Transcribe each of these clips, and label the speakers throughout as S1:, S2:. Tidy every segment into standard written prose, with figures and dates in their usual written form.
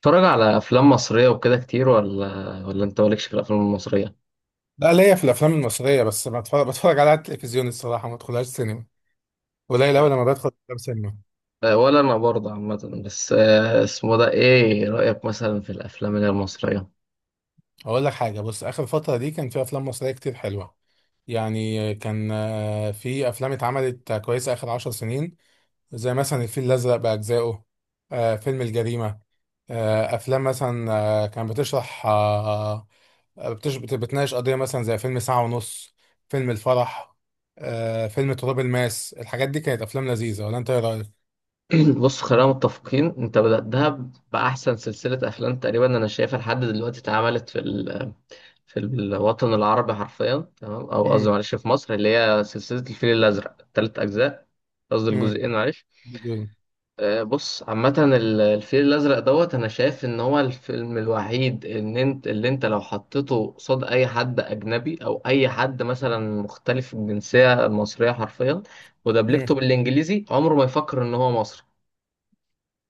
S1: بتتفرج على افلام مصريه وكده كتير ولا انت مالكش في الافلام المصريه.
S2: لا، ليا في الافلام المصريه بس ما بتفرج على التلفزيون الصراحه، ما ادخلهاش سينما. قليل قوي لما بدخل افلام سينما.
S1: ولا انا برضه عامه بس اسمه ده ايه رايك مثلا في الافلام اللي هي المصريه؟
S2: اقول لك حاجه، بص، اخر فتره دي كان في افلام مصريه كتير حلوه. يعني كان في افلام اتعملت كويسه اخر عشر سنين، زي مثلا الفيل الازرق باجزائه، فيلم الجريمه، افلام مثلا، آه، كان بتشرح آه، آه، بتش- بت- بتناقش قضيه مثلا زي فيلم ساعه ونص، فيلم الفرح، فيلم تراب الماس. الحاجات دي كانت افلام لذيذه، ولا انت ايه رايك؟
S1: بص خلينا متفقين انت بداتها باحسن سلسله افلام تقريبا انا شايفها لحد دلوقتي اتعملت في الوطن العربي حرفيا، تمام، او قصدي معلش في مصر، اللي هي سلسله الفيل الازرق ثلاث اجزاء. قصدي
S2: مم.
S1: الجزئين معلش.
S2: جدا.
S1: بص عامة الفيل الأزرق دوت، أنا شايف إن هو الفيلم الوحيد إن أنت، اللي أنت لو حطيته قصاد أي حد أجنبي أو أي حد مثلا مختلف الجنسية المصرية حرفيا
S2: مم.
S1: ودبلجته بالإنجليزي، عمره ما يفكر إن هو مصري.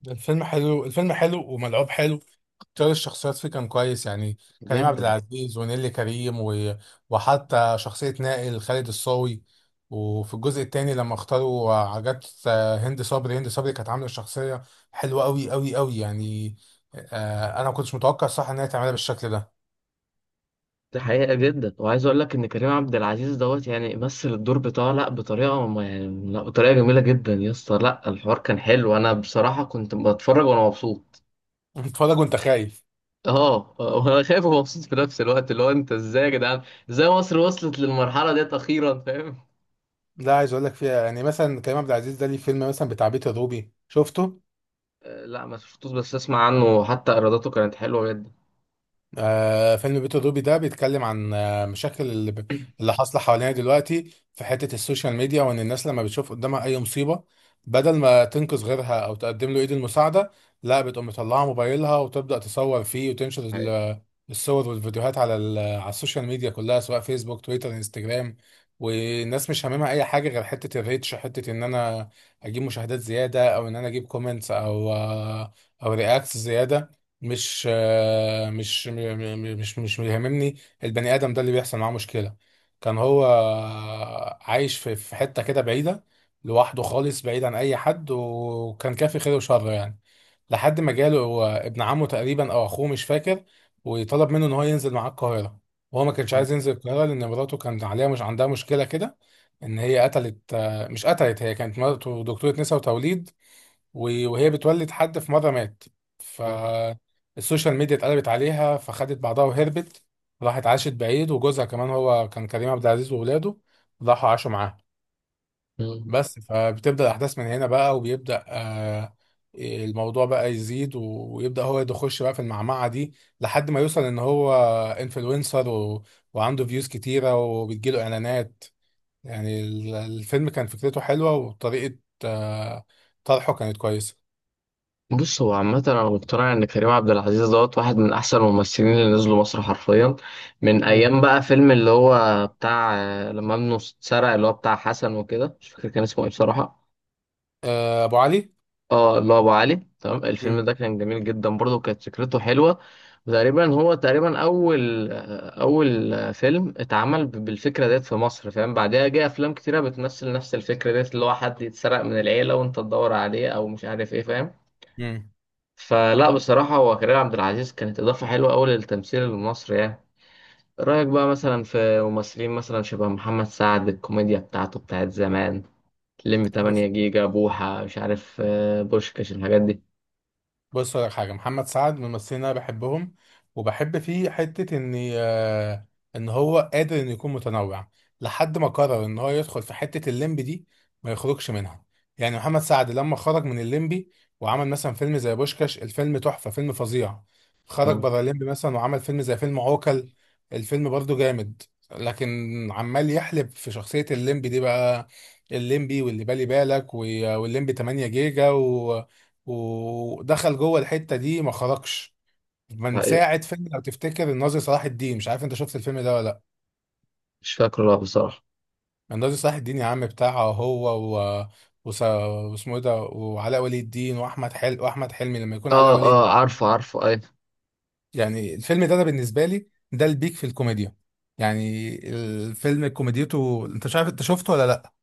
S2: الفيلم حلو، الفيلم حلو وملعوب حلو. اختيار الشخصيات فيه كان كويس يعني، كريم عبد
S1: جدا.
S2: العزيز ونيلي كريم وحتى شخصية نائل، خالد الصاوي. وفي الجزء الثاني لما اختاروا، عجبت. هند صبري كانت عاملة شخصية حلوة قوي قوي قوي يعني. انا ما كنتش متوقع صح ان هي تعملها بالشكل ده.
S1: دي حقيقة. جدا، وعايز أقول لك إن كريم عبد العزيز دوت يعني مثل الدور بتاعه، لأ بطريقة، ما يعني، لأ بطريقة جميلة جدا يا اسطى. لأ الحوار كان حلو، أنا بصراحة كنت بتفرج وأنا مبسوط.
S2: بتتفرج وانت خايف.
S1: اه وانا خايف ومبسوط في نفس الوقت، اللي هو انت ازاي يا جدعان، ازاي مصر وصلت للمرحله ديت اخيرا، فاهم؟
S2: لا، عايز اقول لك فيها يعني، مثلا كريم عبد العزيز ده ليه فيلم مثلا بتاع بيت الروبي، شفته؟
S1: لا ما شفتوش، بس اسمع عنه، حتى ايراداته كانت حلوه جدا.
S2: فيلم بيت الروبي ده بيتكلم عن مشاكل اللي حاصله حوالينا دلوقتي في حته السوشيال ميديا، وان الناس لما بتشوف قدامها اي مصيبه، بدل ما تنقذ غيرها او تقدم له ايد المساعده، لا بتقوم مطلعه موبايلها وتبدا تصور فيه وتنشر
S1: حقيقي.
S2: الصور والفيديوهات على السوشيال ميديا كلها، سواء فيسبوك، تويتر، انستجرام. والناس مش هاممها اي حاجه غير حته الريتش، حته ان انا اجيب مشاهدات زياده، او ان انا اجيب كومنتس، او رياكتس زياده. مش آه، مش م- م- مش مش بيهمني البني ادم ده اللي بيحصل معاه مشكله. كان هو عايش في حته كده بعيده، لوحده خالص، بعيد عن اي حد، وكان كافي خير وشر يعني، لحد ما جاله هو ابن عمه تقريبا او اخوه، مش فاكر. وطلب منه ان هو ينزل معاه القاهره، وهو ما كانش
S1: م-
S2: عايز ينزل القاهره لان مراته كان عليها، مش عندها مشكله كده، ان هي قتلت، مش قتلت، هي كانت مراته دكتوره نساء وتوليد، وهي بتولد حد في مرة مات،
S1: م-
S2: فالسوشيال ميديا اتقلبت عليها، فخدت بعضها وهربت، راحت عاشت بعيد، وجوزها كمان، هو كان كريم عبد العزيز، وولاده راحوا عاشوا معاها.
S1: م.
S2: بس فبتبدأ الأحداث من هنا بقى، وبيبدأ الموضوع بقى يزيد ويبدأ هو يخش بقى في المعمعة دي، لحد ما يوصل إن هو انفلونسر وعنده فيوز كتيرة وبتجيله إعلانات. يعني الفيلم كان فكرته حلوة، وطريقة آه، طرحه كانت كويسة.
S1: بص، هو عامة أنا مقتنع إن كريم عبد العزيز دوت واحد من أحسن الممثلين اللي نزلوا مصر حرفيا، من
S2: مم.
S1: أيام بقى فيلم اللي هو بتاع، لما ابنه اتسرق، اللي هو بتاع حسن وكده، مش فاكر كان اسمه إيه بصراحة.
S2: ابو علي.
S1: اه، الله، ابو علي، تمام. الفيلم
S2: مم.
S1: ده كان جميل جدا برضه وكانت فكرته حلوه. وتقريبا هو تقريبا اول اول فيلم اتعمل بالفكره ديت في مصر، فاهم؟ بعدها جه افلام كتيره بتمثل نفس الفكره ديت، اللي هو حد يتسرق من العيله وانت تدور عليه او مش عارف ايه، فاهم؟
S2: مم.
S1: فلا بصراحه، هو كريم عبد العزيز كانت اضافه حلوه قوي للتمثيل المصري يعني. رايك بقى مثلا في ممثلين مثلا شبه محمد سعد، الكوميديا بتاعته بتاعت زمان، لمي
S2: بس
S1: 8 جيجا، بوحه، مش عارف بوشكاش، الحاجات دي؟
S2: بص لك حاجه، محمد سعد من الممثلين اللي انا بحبهم، وبحب فيه حته ان هو قادر انه يكون متنوع، لحد ما قرر ان هو يدخل في حته الليمبي دي ما يخرجش منها. يعني محمد سعد لما خرج من الليمبي وعمل مثلا فيلم زي بوشكاش، الفيلم تحفه، فيلم فظيع. خرج بره الليمبي مثلا وعمل فيلم زي فيلم عوكل، الفيلم برضه جامد. لكن عمال يحلب في شخصيه الليمبي دي بقى، الليمبي واللي بالي بالك والليمبي 8 جيجا، ودخل جوه الحته دي ما خرجش من
S1: حقيقة.
S2: ساعه فيلم، لو تفتكر الناظر صلاح الدين، مش عارف انت شفت الفيلم ده ولا لا.
S1: مش فاكره لا بصراحة.
S2: الناظر صلاح الدين يا عم بتاعه هو و... واسمه ايه ده، وعلاء ولي الدين، واحمد حلمي، واحمد حلمي لما يكون
S1: اه
S2: علاء ولي.
S1: اه، عارفه عارفه، اي.
S2: يعني الفيلم ده انا بالنسبه لي ده البيك في الكوميديا. يعني الفيلم كوميديته، انت مش عارف انت شفته ولا لا.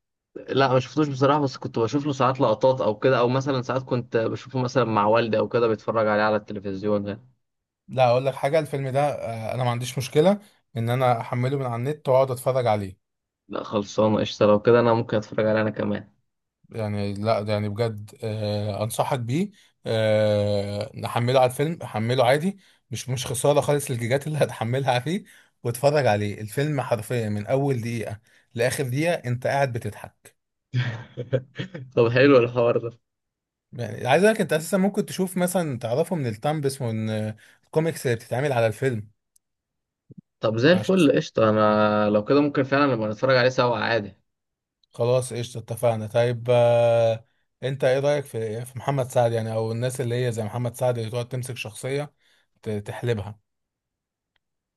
S1: لا ما شفتوش بصراحة، بس كنت بشوف له ساعات لقطات او كده، او مثلا ساعات كنت بشوفه مثلا مع والدي او كده بيتفرج عليه على التلفزيون يعني.
S2: لا، اقول لك حاجه، الفيلم ده انا ما عنديش مشكله ان انا احمله من على النت واقعد اتفرج عليه.
S1: لا خلصانة قشطة، لو كده انا ممكن اتفرج عليه انا كمان.
S2: يعني لا، ده يعني بجد، انصحك بيه. نحمله على الفيلم، حمله عادي، مش خساره خالص الجيجات اللي هتحملها فيه. واتفرج عليه، الفيلم حرفيا من اول دقيقه لاخر دقيقه انت قاعد بتضحك.
S1: طب حلو الحوار ده.
S2: يعني عايز اقول لك، انت اساسا ممكن تشوف مثلا، تعرفه من التامبس ومن الكوميكس اللي بتتعمل على الفيلم.
S1: طب زي
S2: ماشي.
S1: الفل قشطة، انا لو كده ممكن فعلا نبقى نتفرج عليه سوا عادي.
S2: خلاص قشطه، اتفقنا. طيب، انت ايه رايك في في محمد سعد، يعني او الناس اللي هي زي محمد سعد اللي تقعد تمسك شخصيه تحلبها؟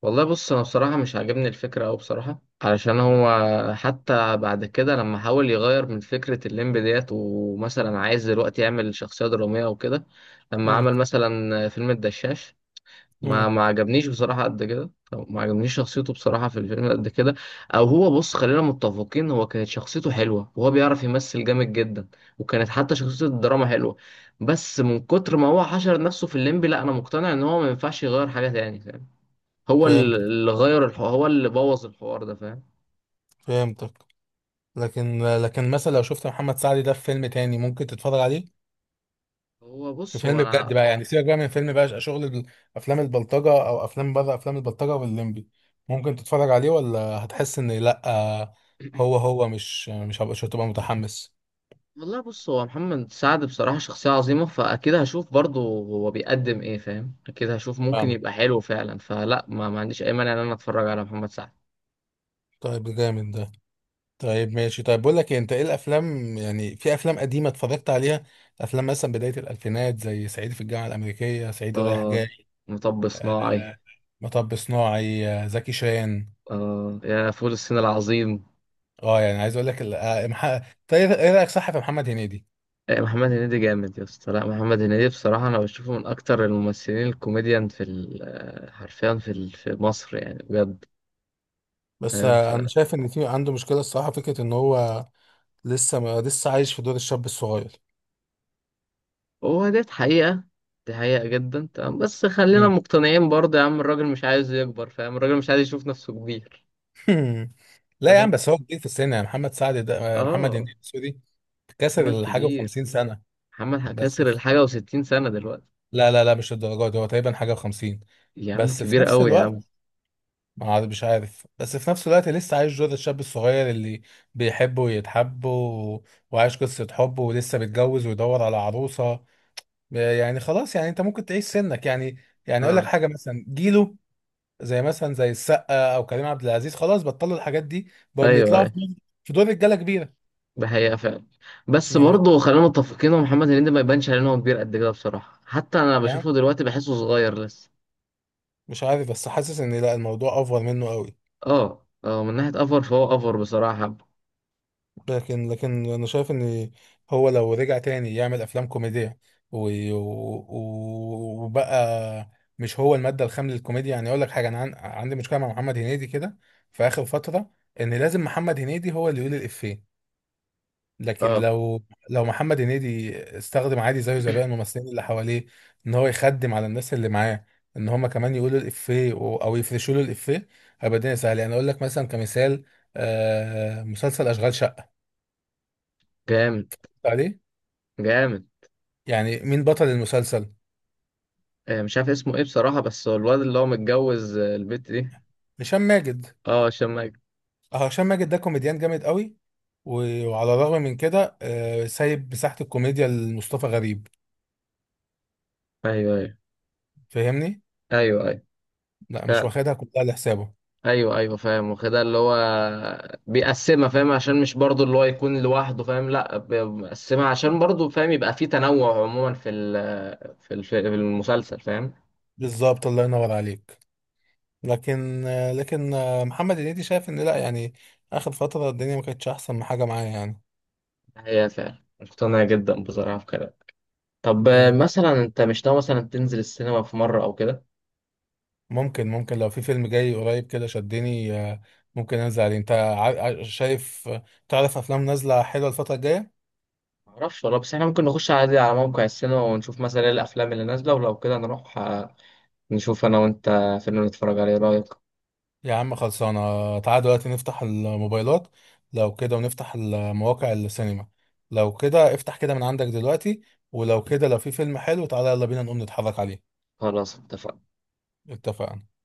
S1: والله بص، انا بصراحه مش عاجبني الفكره أوي بصراحه، علشان هو حتى بعد كده لما حاول يغير من فكره الليمب ديت، ومثلا عايز دلوقتي يعمل شخصيه دراميه وكده، لما
S2: مم.
S1: عمل مثلا فيلم الدشاش، ما
S2: مم.
S1: ما عجبنيش بصراحه قد كده، ما عجبنيش شخصيته بصراحه في الفيلم قد كده. او هو بص، خلينا متفقين، هو كانت شخصيته حلوه وهو بيعرف يمثل جامد جدا، وكانت حتى شخصيه الدراما حلوه، بس من كتر ما هو حشر نفسه في الليمب، لا انا مقتنع ان هو ما ينفعش يغير حاجه تاني. هو
S2: فهمتك.
S1: اللي غير الحوار هو اللي بوظ الحوار ده، فاهم؟
S2: فهمتك. لكن مثلا لو شفت محمد سعد ده في فيلم تاني ممكن تتفرج عليه؟
S1: هو
S2: في
S1: بص هو
S2: فيلم بجد
S1: انا.
S2: بقى، يعني سيبك بقى من فيلم بقى، شغل افلام البلطجة، او افلام بره افلام البلطجة واللمبي، ممكن تتفرج عليه، ولا هتحس ان لا، هو هو مش هتبقى متحمس؟
S1: والله بص، هو محمد سعد بصراحة شخصية عظيمة، فأكيد هشوف برضه هو بيقدم إيه، فاهم؟ أكيد هشوف ممكن
S2: فاهمك.
S1: يبقى حلو فعلا، فلا ما عنديش أي مانع إن أنا أتفرج على محمد سعد.
S2: طيب، ده جامد ده. طيب ماشي، طيب بقول لك إيه، انت ايه الافلام، يعني في افلام قديمة اتفرجت عليها، افلام مثلا بداية الالفينات زي صعيدي في الجامعة الامريكية، صعيدي رايح
S1: آه،
S2: جاي،
S1: مطب
S2: آه،
S1: صناعي.
S2: مطب صناعي، زكي شان.
S1: آه، يا فول الصين العظيم.
S2: اه، يعني عايز اقول لك طيب، إيه رايك صح في محمد هنيدي؟
S1: آه، محمد هنيدي جامد يا اسطى. لا محمد هنيدي بصراحة أنا بشوفه من أكتر الممثلين الكوميديان في ال- آه، حرفيا في مصر يعني، بجد.
S2: بس
S1: فاهم.
S2: انا شايف ان في عنده مشكله الصراحه، فكره ان هو لسه ما لسه عايش في دور الشاب الصغير.
S1: هو ديت حقيقة. دي حقيقة جدا، تمام، بس خلينا
S2: مم.
S1: مقتنعين برضه يا عم، الراجل مش عايز يكبر، فاهم، الراجل مش عايز يشوف نفسه كبير.
S2: لا يا عم،
S1: فاهم.
S2: بس هو كبير في السن، يعني محمد سعد ده، محمد
S1: اه.
S2: هنيدي، سوري، كسر
S1: محمد
S2: الحاجه و50
S1: كبير.
S2: سنه.
S1: محمد
S2: بس
S1: كسر
S2: في-
S1: الحاجة وستين سنة دلوقتي.
S2: لا لا لا، مش الدرجات دي، هو تقريبا حاجه و50.
S1: يا عم
S2: بس في
S1: كبير
S2: نفس
S1: قوي يا عم.
S2: الوقت، ما عاد- مش عارف، بس في نفس الوقت لسه عايش دور الشاب الصغير، اللي بيحب ويتحب وعايش قصة حب، ولسه متجوز، ويدور على عروسة. يعني خلاص، يعني انت ممكن تعيش سنك يعني. يعني اقول لك
S1: اه.
S2: حاجة، مثلا جيله، زي السقا او كريم عبد العزيز، خلاص بطلوا الحاجات دي، بقوا
S1: ايوه
S2: بيطلعوا في
S1: ايوه.
S2: دور، في دور رجالة كبيرة.
S1: ده حقيقة فعلا. بس
S2: يعني بط...
S1: برضه خلينا متفقين ان محمد هنيدي ما يبانش عليه ان هو كبير قد كده بصراحة، حتى انا
S2: يعني
S1: بشوفه دلوقتي بحسه صغير لسه.
S2: مش عارف، بس حاسس ان لا، الموضوع افور منه قوي.
S1: اه اه، من ناحية افر فهو افر بصراحة.
S2: لكن انا شايف ان هو لو رجع تاني يعمل افلام كوميديا وبقى، مش هو الماده الخام للكوميديا. يعني اقول لك حاجه، انا عندي مشكله مع محمد هنيدي كده في اخر فتره، ان لازم محمد هنيدي هو اللي يقول الافيه، لكن
S1: اه.
S2: لو محمد هنيدي استخدم عادي زيه زي باقي الممثلين اللي حواليه، ان هو يخدم على الناس اللي معاه، ان هم كمان يقولوا الافيه او يفرشوا له الافيه، هيبقى الدنيا سهله. يعني اقول لك مثلا كمثال، مسلسل اشغال شقه
S1: جامد.
S2: عليه.
S1: جامد.
S2: يعني مين بطل المسلسل؟
S1: مش عارف اسمه ايه بصراحة، بس هو الواد اللي هو متجوز البت دي.
S2: هشام ماجد.
S1: اه هشام ماجد.
S2: اه، هشام ماجد ده كوميديان جامد قوي، وعلى الرغم من كده سايب مساحة الكوميديا لمصطفى غريب.
S1: ايوه ايوه.
S2: فاهمني؟
S1: ايوه ايوه
S2: لا، مش
S1: فعلا.
S2: واخدها كلها لحسابه.
S1: ايوه ايوه فاهم، واخدها اللي هو بيقسمها، فاهم، عشان مش برضه اللي هو يكون لوحده، فاهم، لا بيقسمها عشان برضه فاهم يبقى في تنوع عموما في ال- في الف- في المسلسل، فاهم.
S2: بالظبط، الله ينور عليك. لكن آه، لكن آه، محمد هنيدي شايف ان لا يعني، اخر فترة الدنيا ما كانتش احسن حاجة معايا يعني.
S1: هي فعلا مقتنع جدا بصراحة في كده. طب
S2: يعني
S1: مثلا انت مش ناوي مثلا تنزل السينما في مرة او كده؟
S2: ممكن، لو في فيلم جاي قريب كده شدني، ممكن انزل عليه. انت شايف، تعرف افلام نازلة حلوة الفترة الجاية؟
S1: معرفش والله، بس احنا ممكن نخش عادي على موقع السينما ونشوف مثلا ايه الافلام اللي نازلة، ولو كده نروح، نشوف انا وانت فيلم نتفرج عليه، إيه رأيك؟
S2: يا عم خلصانة، تعال دلوقتي نفتح الموبايلات لو كده، ونفتح المواقع السينما لو كده. افتح كده من عندك دلوقتي، ولو كده، لو في فيلم حلو تعالى، يلا بينا نقوم نتحرك عليه.
S1: خلاص اتفقنا.
S2: اتفقنا.